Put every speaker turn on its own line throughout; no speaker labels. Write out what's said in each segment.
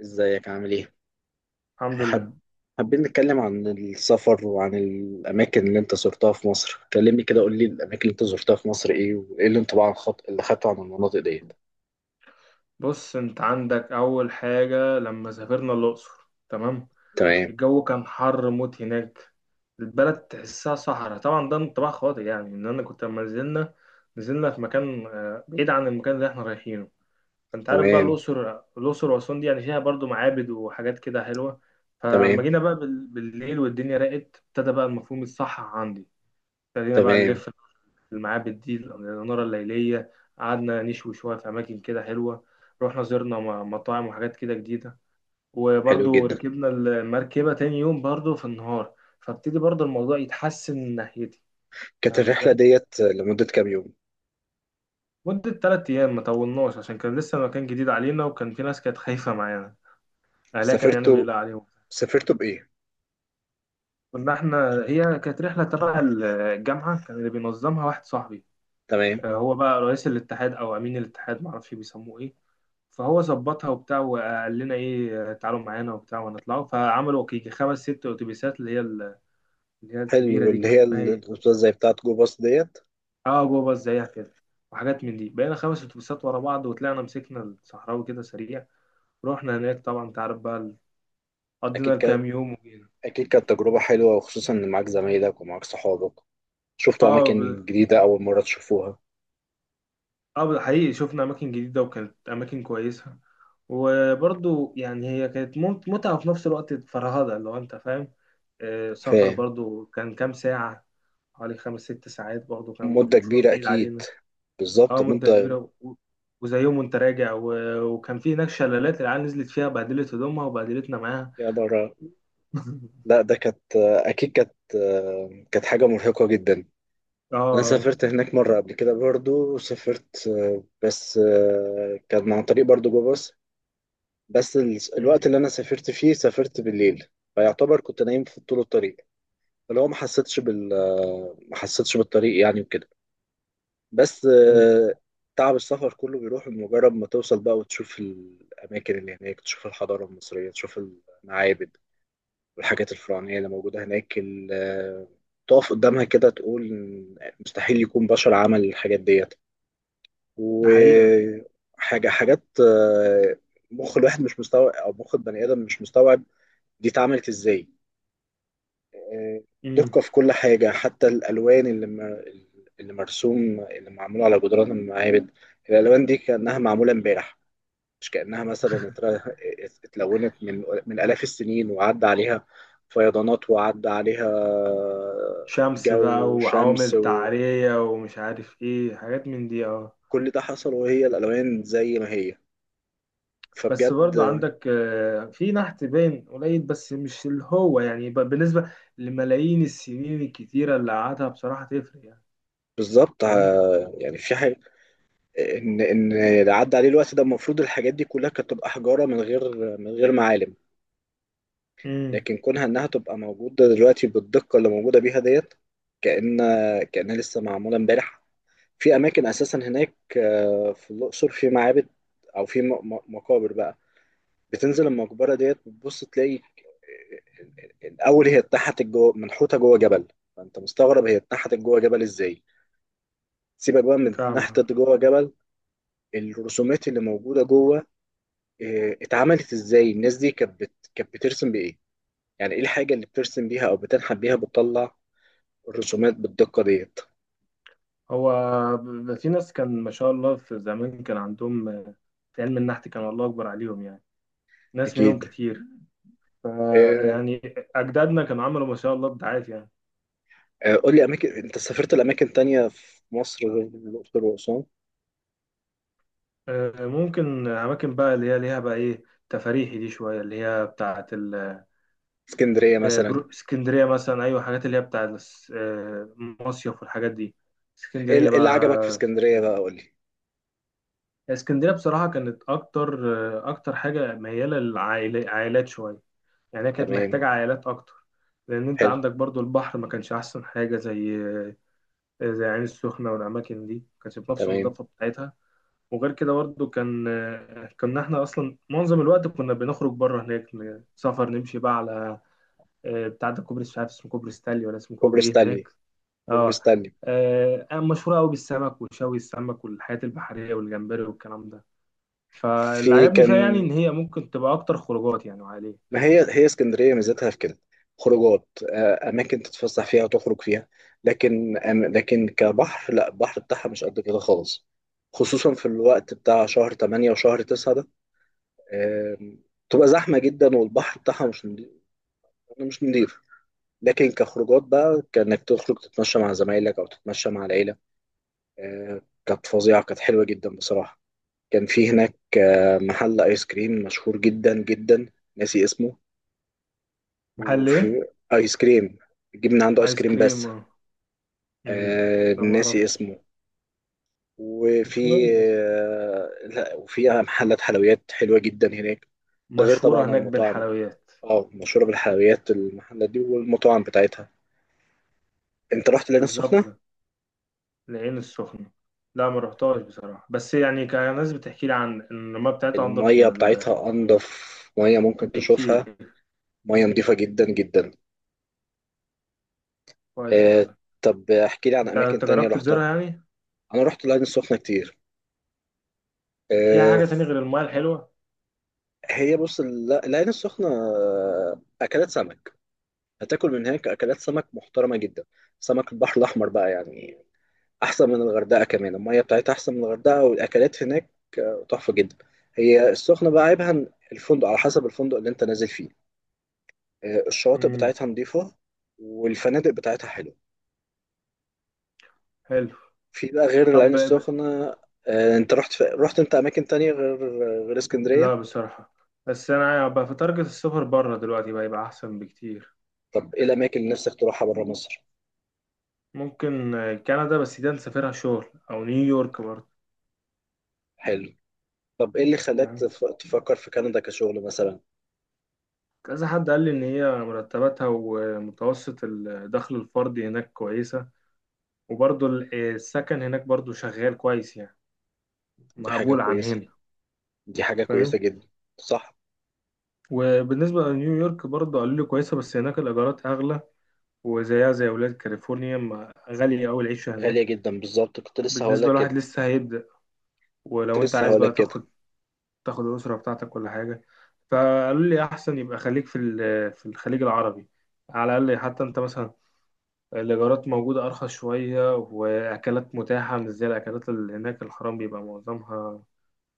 ازيك عامل ايه؟
الحمد لله.
حب... حابين نتكلم عن السفر وعن الأماكن اللي أنت زرتها في مصر، كلمني كده قول لي الأماكن اللي أنت زرتها في مصر إيه وإيه الانطباع اللي خدته عن المناطق ديت؟
بص، انت عندك اول حاجة لما سافرنا الاقصر. تمام.
تمام.
الجو كان حر موت هناك. البلد تحسها صحراء، طبعا ده انطباع خاطئ، يعني ان انا كنت لما نزلنا في مكان بعيد عن المكان اللي احنا رايحينه. فانت عارف بقى
تمام.
الاقصر واسوان دي يعني فيها برضو معابد وحاجات كده حلوة. فلما
تمام.
جينا بقى بالليل والدنيا راقت ابتدى بقى المفهوم الصح عندي. ابتدينا بقى
تمام.
نلف في المعابد دي، الإنارة الليلية. قعدنا نشوي شوية في أماكن كده حلوة. رحنا زرنا مطاعم وحاجات كده جديدة.
حلو
وبرضو
جدا.
ركبنا المركبة تاني يوم برضو في النهار. فابتدي برضو الموضوع يتحسن من ناحيتي.
كانت
فاهم
الرحلة
ازاي؟
ديت لمدة كام يوم؟
مدة 3 أيام ما طولناش، عشان كان لسه مكان جديد علينا وكان في ناس كانت خايفة معانا. أهلها كان يعني
سافرتوا
بيقلق عليهم.
سافرتوا بإيه؟
كنا احنا، هي كانت رحلة تبع الجامعة، كان اللي بينظمها واحد صاحبي.
تمام.
هو بقى رئيس الاتحاد أو أمين الاتحاد معرفش بيسموه إيه. فهو ظبطها وبتاع، وقال لنا ايه، تعالوا معانا وبتاع ونطلعوا. فعملوا يجي 5 6 اتوبيسات، اللي هي الكبيره
حلو،
دي
اللي
كده،
هي
اسمها ايه؟
الأوتوبيسات زي بتاعة جو باص ديت.
اه، جو باص زيها كده. وحاجات من دي، بقينا 5 اتوبيسات ورا بعض وطلعنا مسكنا الصحراوي كده سريع. رحنا هناك، طبعا تعرف بقى قضينا
أكيد ك...
الكام يوم وجينا.
أكيد كانت تجربة حلوة وخصوصا إن معاك زمايلك ومعاك صحابك، شفتوا
اه.
أماكن جديدة أول مرة تشوفوها.
اه، حقيقي شفنا اماكن جديده وكانت اماكن كويسه. وبرضو يعني هي كانت متعه وفي نفس الوقت فرهده لو انت فاهم. سفر برضو كان كام ساعه، حوالي 5 6 ساعات، برضو كان
مدة
مشوار
كبيرة
بعيد
أكيد.
علينا.
بالظبط
اه، مده
مدة.
كبيره، وزي يوم وانت راجع، وكان في هناك شلالات، العيال نزلت فيها بهدلت هدومها وبهدلتنا معاها.
يا برا. لا، ده كانت أكيد كانت كانت حاجة مرهقة جدا. أنا
اه.
سافرت هناك مرة قبل كده، برضو سافرت، بس كان عن طريق برضو جو باص. بس الوقت
مم.
اللي أنا سافرت فيه سافرت بالليل، فيعتبر كنت نايم في طول الطريق. فلو ما حسيتش بالطريق يعني وكده. بس
حلو.
تعب السفر كله بيروح مجرد ما توصل بقى وتشوف الأماكن اللي هناك، تشوف الحضارة المصرية، تشوف المعابد والحاجات الفرعونية اللي موجودة هناك. تقف قدامها كده تقول إن مستحيل يكون بشر عمل الحاجات ديت.
ده حقيقة.
وحاجة حاجات مخ الواحد مش مستوعب، أو مخ البني آدم مش مستوعب دي اتعملت إزاي. آه،
مم.
دقة في كل حاجة، حتى الألوان اللي مرسوم، اللي معمول على جدران المعابد، الألوان دي كأنها معمولة امبارح، مش كأنها مثلا اتلونت من آلاف السنين وعدى عليها فيضانات وعدى عليها
شمس بقى
جو، شمس،
وعوامل
وكل
تعرية ومش عارف ايه حاجات من دي، اه.
ده حصل وهي الألوان زي ما هي.
بس برضو
فبجد
عندك في نحت باين قليل، بس مش اللي هو يعني، بالنسبة لملايين السنين الكتيرة اللي قعدها، بصراحة تفرق يعني.
بالظبط.
فاهم؟
يعني في حاجة، إن اللي عدى عليه الوقت ده، المفروض الحاجات دي كلها كانت تبقى حجارة من غير معالم،
امم.
لكن كونها إنها تبقى موجودة دلوقتي بالدقة اللي موجودة بيها ديت، كأن كأنها لسه معمولة إمبارح. في اماكن اساسا هناك، في الاقصر في معابد، او في مقابر بقى. بتنزل المقبره ديت بتبص تلاقي الاول هي اتنحتت جوه، منحوته جوه جبل. فانت مستغرب هي اتنحتت جوه جبل ازاي. سيبك بقى من
فاهم.
اتنحتت جوه جبل، الرسومات اللي موجوده جوه اتعملت ازاي؟ الناس دي كانت كانت بترسم بايه؟ يعني ايه الحاجه اللي بترسم بيها او بتنحت بيها، بتطلع الرسومات بالدقه ديت.
هو في ناس كان ما شاء الله في زمان، كان عندهم في علم النحت، كان الله أكبر عليهم يعني. ناس منهم
اكيد.
كتير.
آه.
يعني أجدادنا كانوا عملوا ما شاء الله إبداعات يعني.
قول لي اماكن، انت سافرت لاماكن تانية في مصر غير الاقصر واسوان؟
ممكن أماكن بقى اللي هي ليها بقى إيه، تفاريحي دي شوية، اللي هي بتاعة
اسكندريه مثلا.
اسكندرية مثلا، أيوة، حاجات اللي هي بتاع مصيف والحاجات دي.
ايه
اسكندرية
إيه اللي عجبك في
بقى
اسكندريه
سافرت.
بقى، قول لي.
اسكندرية بصراحة كانت أكتر أكتر حاجة ميالة للعائلات شوية. يعني هي كانت
تمام.
محتاجة عائلات أكتر، لأن أنت
حلو.
عندك برضو البحر ما كانش أحسن حاجة زي زي عين السخنة، والأماكن دي ما كانش بنفس
تمام.
النظافة بتاعتها. وغير كده برضو كان كنا احنا اصلا معظم الوقت كنا بنخرج بره هناك، سفر نمشي بقى على بتاع ده، كوبري مش عارف اسمه، كوبري ستانلي ولا اسمه
كوبري
كوبري ايه هناك.
ستانلي. كوبري
اه.
ستانلي.
أنا مشهورة أوي بالسمك وشوي السمك والحياة البحرية والجمبري والكلام ده. فاللي
في
عجبني فيها يعني
كان،
إن هي ممكن تبقى أكتر خروجات يعني، وعليه.
ما هي هي اسكندريه ميزتها في كده: خروجات، اماكن تتفسح فيها وتخرج فيها. لكن لكن كبحر لا، البحر بتاعها مش قد كده خالص، خصوصا في الوقت بتاع شهر 8 وشهر 9 ده. آم، تبقى زحمه جدا والبحر بتاعها مش نضيف، مش نضيف. لكن كخروجات بقى، كانك تخرج تتمشى مع زمايلك او تتمشى مع العيله، كانت فظيعه، كانت حلوه جدا بصراحه. كان في هناك محل ايس كريم مشهور جدا جدا، ناسي اسمه.
محل إيه؟
وفي ايس كريم، تجيب من عنده ايس
آيس
كريم
كريم،
بس.
اه. أمم. لا
ناسي
معرفش.
اسمه. وفي
مش مهم لسه.
لا، وفي محلات حلويات حلوه جدا هناك. ده غير طبعا
مشهورة هناك
المطاعم.
بالحلويات.
اه، مشهوره بالحلويات المحلات دي، والمطاعم بتاعتها. انت رحت العين
بالظبط
السخنه؟
كده. العين السخنة، لا ما رحتهاش بصراحة، بس يعني كان ناس بتحكي لي عن إن المياه بتاعتها أنضف
المية
من
بتاعتها أنضف، مية ممكن تشوفها
بكتير.
مية نضيفة جدا جدا.
كويس
آه.
والله.
طب احكي لي عن
أنت
أماكن
أنت
تانية
جربت تزورها
رحتها.
يعني؟
أنا رحت العين السخنة كتير.
فيها
آه.
حاجة تانية غير المياه الحلوة؟
هي بص، العين السخنة أكلات سمك. هتاكل من هناك أكلات سمك محترمة جدا، سمك البحر الأحمر بقى يعني، أحسن من الغردقة. كمان المية بتاعتها أحسن من الغردقة، والأكلات هناك تحفة جدا. هي السخنة بقى عيبها إن الفندق على حسب الفندق اللي أنت نازل فيه. الشواطئ
امم.
بتاعتها نضيفة، والفنادق بتاعتها حلوة.
حلو.
في بقى غير
طب.
العين السخنة انت رحت رحت انت اماكن تانية غير
لا
اسكندرية؟
بصراحة، بس أنا بقى في تارجت السفر بره دلوقتي، بقى يبقى أحسن بكتير.
طب ايه الاماكن اللي نفسك تروحها بره مصر؟
ممكن كندا، بس دي نسافرها شغل. أو نيويورك برضه.
حلو. طب ايه اللي خلاك
يعني
تفكر في كندا كشغل مثلا؟
كذا حد قال لي إن هي مرتباتها ومتوسط الدخل الفردي هناك كويسة. وبرضه السكن هناك برضه شغال كويس يعني،
دي حاجة
مقبول عن
كويسة.
هنا.
دي حاجة
فاهم.
كويسة جدا. صح.
وبالنسبة لنيويورك برضه قالوا لي كويسة، بس هناك الإيجارات أغلى. وزيها زي ولاد كاليفورنيا، غالية أوي العيشة
غالية
هناك،
جدا بالظبط، كنت لسه هقول
بالنسبة
لك
لواحد
كده.
لسه هيبدأ.
كنت
ولو انت
لسه
عايز
هقول
بقى
لك كده.
تاخد الأسرة بتاعتك ولا حاجة، فقالوا لي أحسن يبقى خليك في في الخليج العربي، على الأقل حتى أنت مثلا الإيجارات موجودة أرخص شوية، وأكلات متاحة مش زي الأكلات اللي هناك الحرام بيبقى معظمها.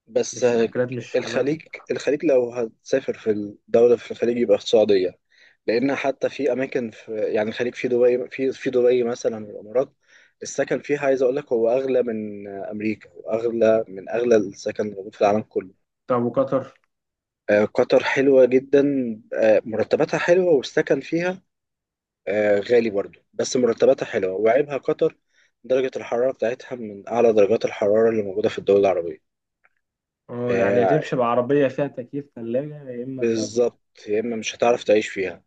بس
مش أكلات، مش حلال.
الخليج، الخليج لو هتسافر في الدولة في الخليج يبقى في السعودية. لأن حتى في أماكن في يعني الخليج، في دبي، في دبي مثلا والإمارات، السكن فيها عايز أقول لك هو أغلى من أمريكا، وأغلى من أغلى السكن اللي موجود في العالم كله.
طب وقطر؟
قطر حلوة جدا. مرتباتها حلوة، والسكن فيها غالي برضو، بس مرتباتها حلوة. وعيبها قطر، درجة الحرارة بتاعتها من أعلى درجات الحرارة اللي موجودة في الدول العربية.
اه، يعني
آه،
هتمشي بعربية فيها تكييف ثلاجة يا إما تقعد.
بالظبط. يا اما مش هتعرف تعيش فيها.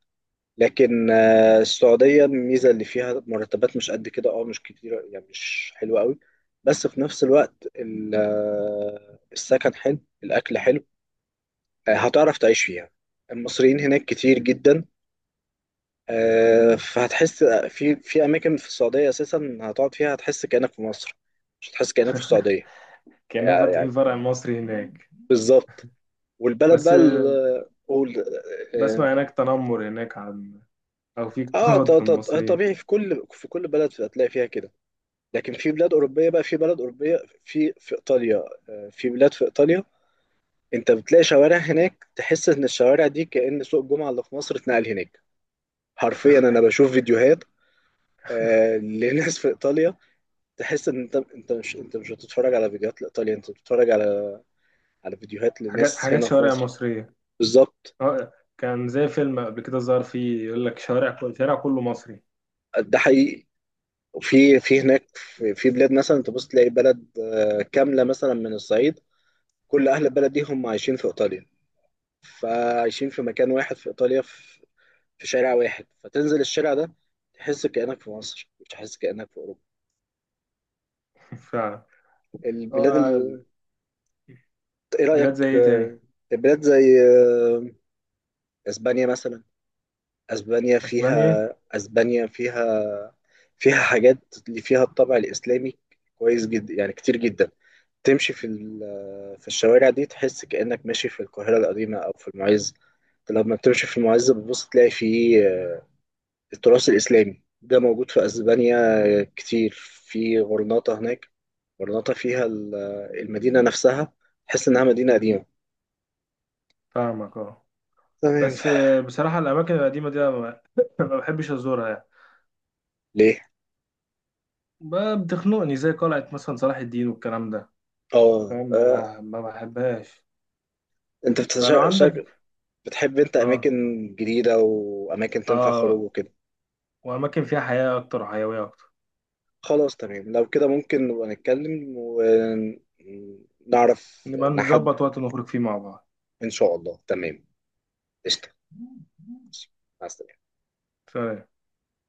لكن السعوديه الميزه اللي فيها، مرتبات مش قد كده، اه مش كتيره يعني، مش حلوه قوي، بس في نفس الوقت السكن حلو، الاكل حلو، هتعرف تعيش فيها. المصريين هناك كتير جدا، فهتحس في اماكن في السعوديه اساسا هتقعد فيها هتحس كانك في مصر، مش هتحس كانك في السعوديه.
كأنهم
يعني
فاتحين
يعني
فرع مصري هناك.
بالظبط. والبلد
بس
بقى ال- آه، قول آه، آه،
بسمع هناك تنمر هناك، عن أو في
اه،
اضطهاد للمصريين.
طبيعي في كل في كل بلد هتلاقي فيها كده. لكن في بلاد اوروبيه بقى، في بلد اوروبيه، في ايطاليا، في بلاد في ايطاليا انت بتلاقي شوارع هناك تحس ان الشوارع دي كأن سوق الجمعه اللي في مصر اتنقل هناك. حرفيا انا بشوف فيديوهات لناس في ايطاليا، تحس ان انت مش بتتفرج على فيديوهات لايطاليا، انت بتتفرج على فيديوهات
حاجات،
لناس
حاجات
هنا في
شوارع
مصر.
مصرية.
بالظبط.
اه. كان زي فيلم قبل كده ظهر فيه يقول لك شارع، كل شارع كله مصري.
ده حقيقي. وفي هناك في بلاد، مثلا تبص تلاقي بلد كامله مثلا من الصعيد، كل اهل البلد دي هم عايشين في ايطاليا، فعايشين في مكان واحد في ايطاليا، في شارع واحد، فتنزل الشارع ده تحس كأنك في مصر، مش تحس كأنك في اوروبا.
فعلا.
البلاد ال...
اه.
ايه
بلاد زي
رأيك
ايه تاني؟
البلاد زي اسبانيا مثلا.
اسبانيا.
اسبانيا فيها فيها حاجات اللي فيها الطابع الاسلامي كويس جدا يعني، كتير جدا. تمشي في في الشوارع دي تحس كأنك ماشي في القاهرة القديمة او في المعز. لما بتمشي في المعز بتبص تلاقي فيه التراث الإسلامي ده موجود في أسبانيا كتير. في غرناطة هناك، غرناطة فيها ال- المدينة نفسها تحس إنها مدينة قديمة.
فاهمك، اه.
تمام.
بس بصراحة الأماكن القديمة دي أنا ما ما بحبش أزورها يعني.
ليه؟
بتخنقني، زي قلعة مثلا صلاح الدين والكلام ده.
اه.
فاهم،
آه.
ما بحبهاش.
انت
فلو عندك،
بتحب انت
اه.
اماكن جديدة واماكن تنفع خروج
اه،
وكده.
وأماكن فيها حياة أكتر وحيوية أكتر.
خلاص تمام، لو كده ممكن نبقى نتكلم ونعرف
نبقى
نحد.
نظبط وقت نخرج فيه مع بعض.
ان شاء الله. تمام. قشطة. مع السلامة.
سلام.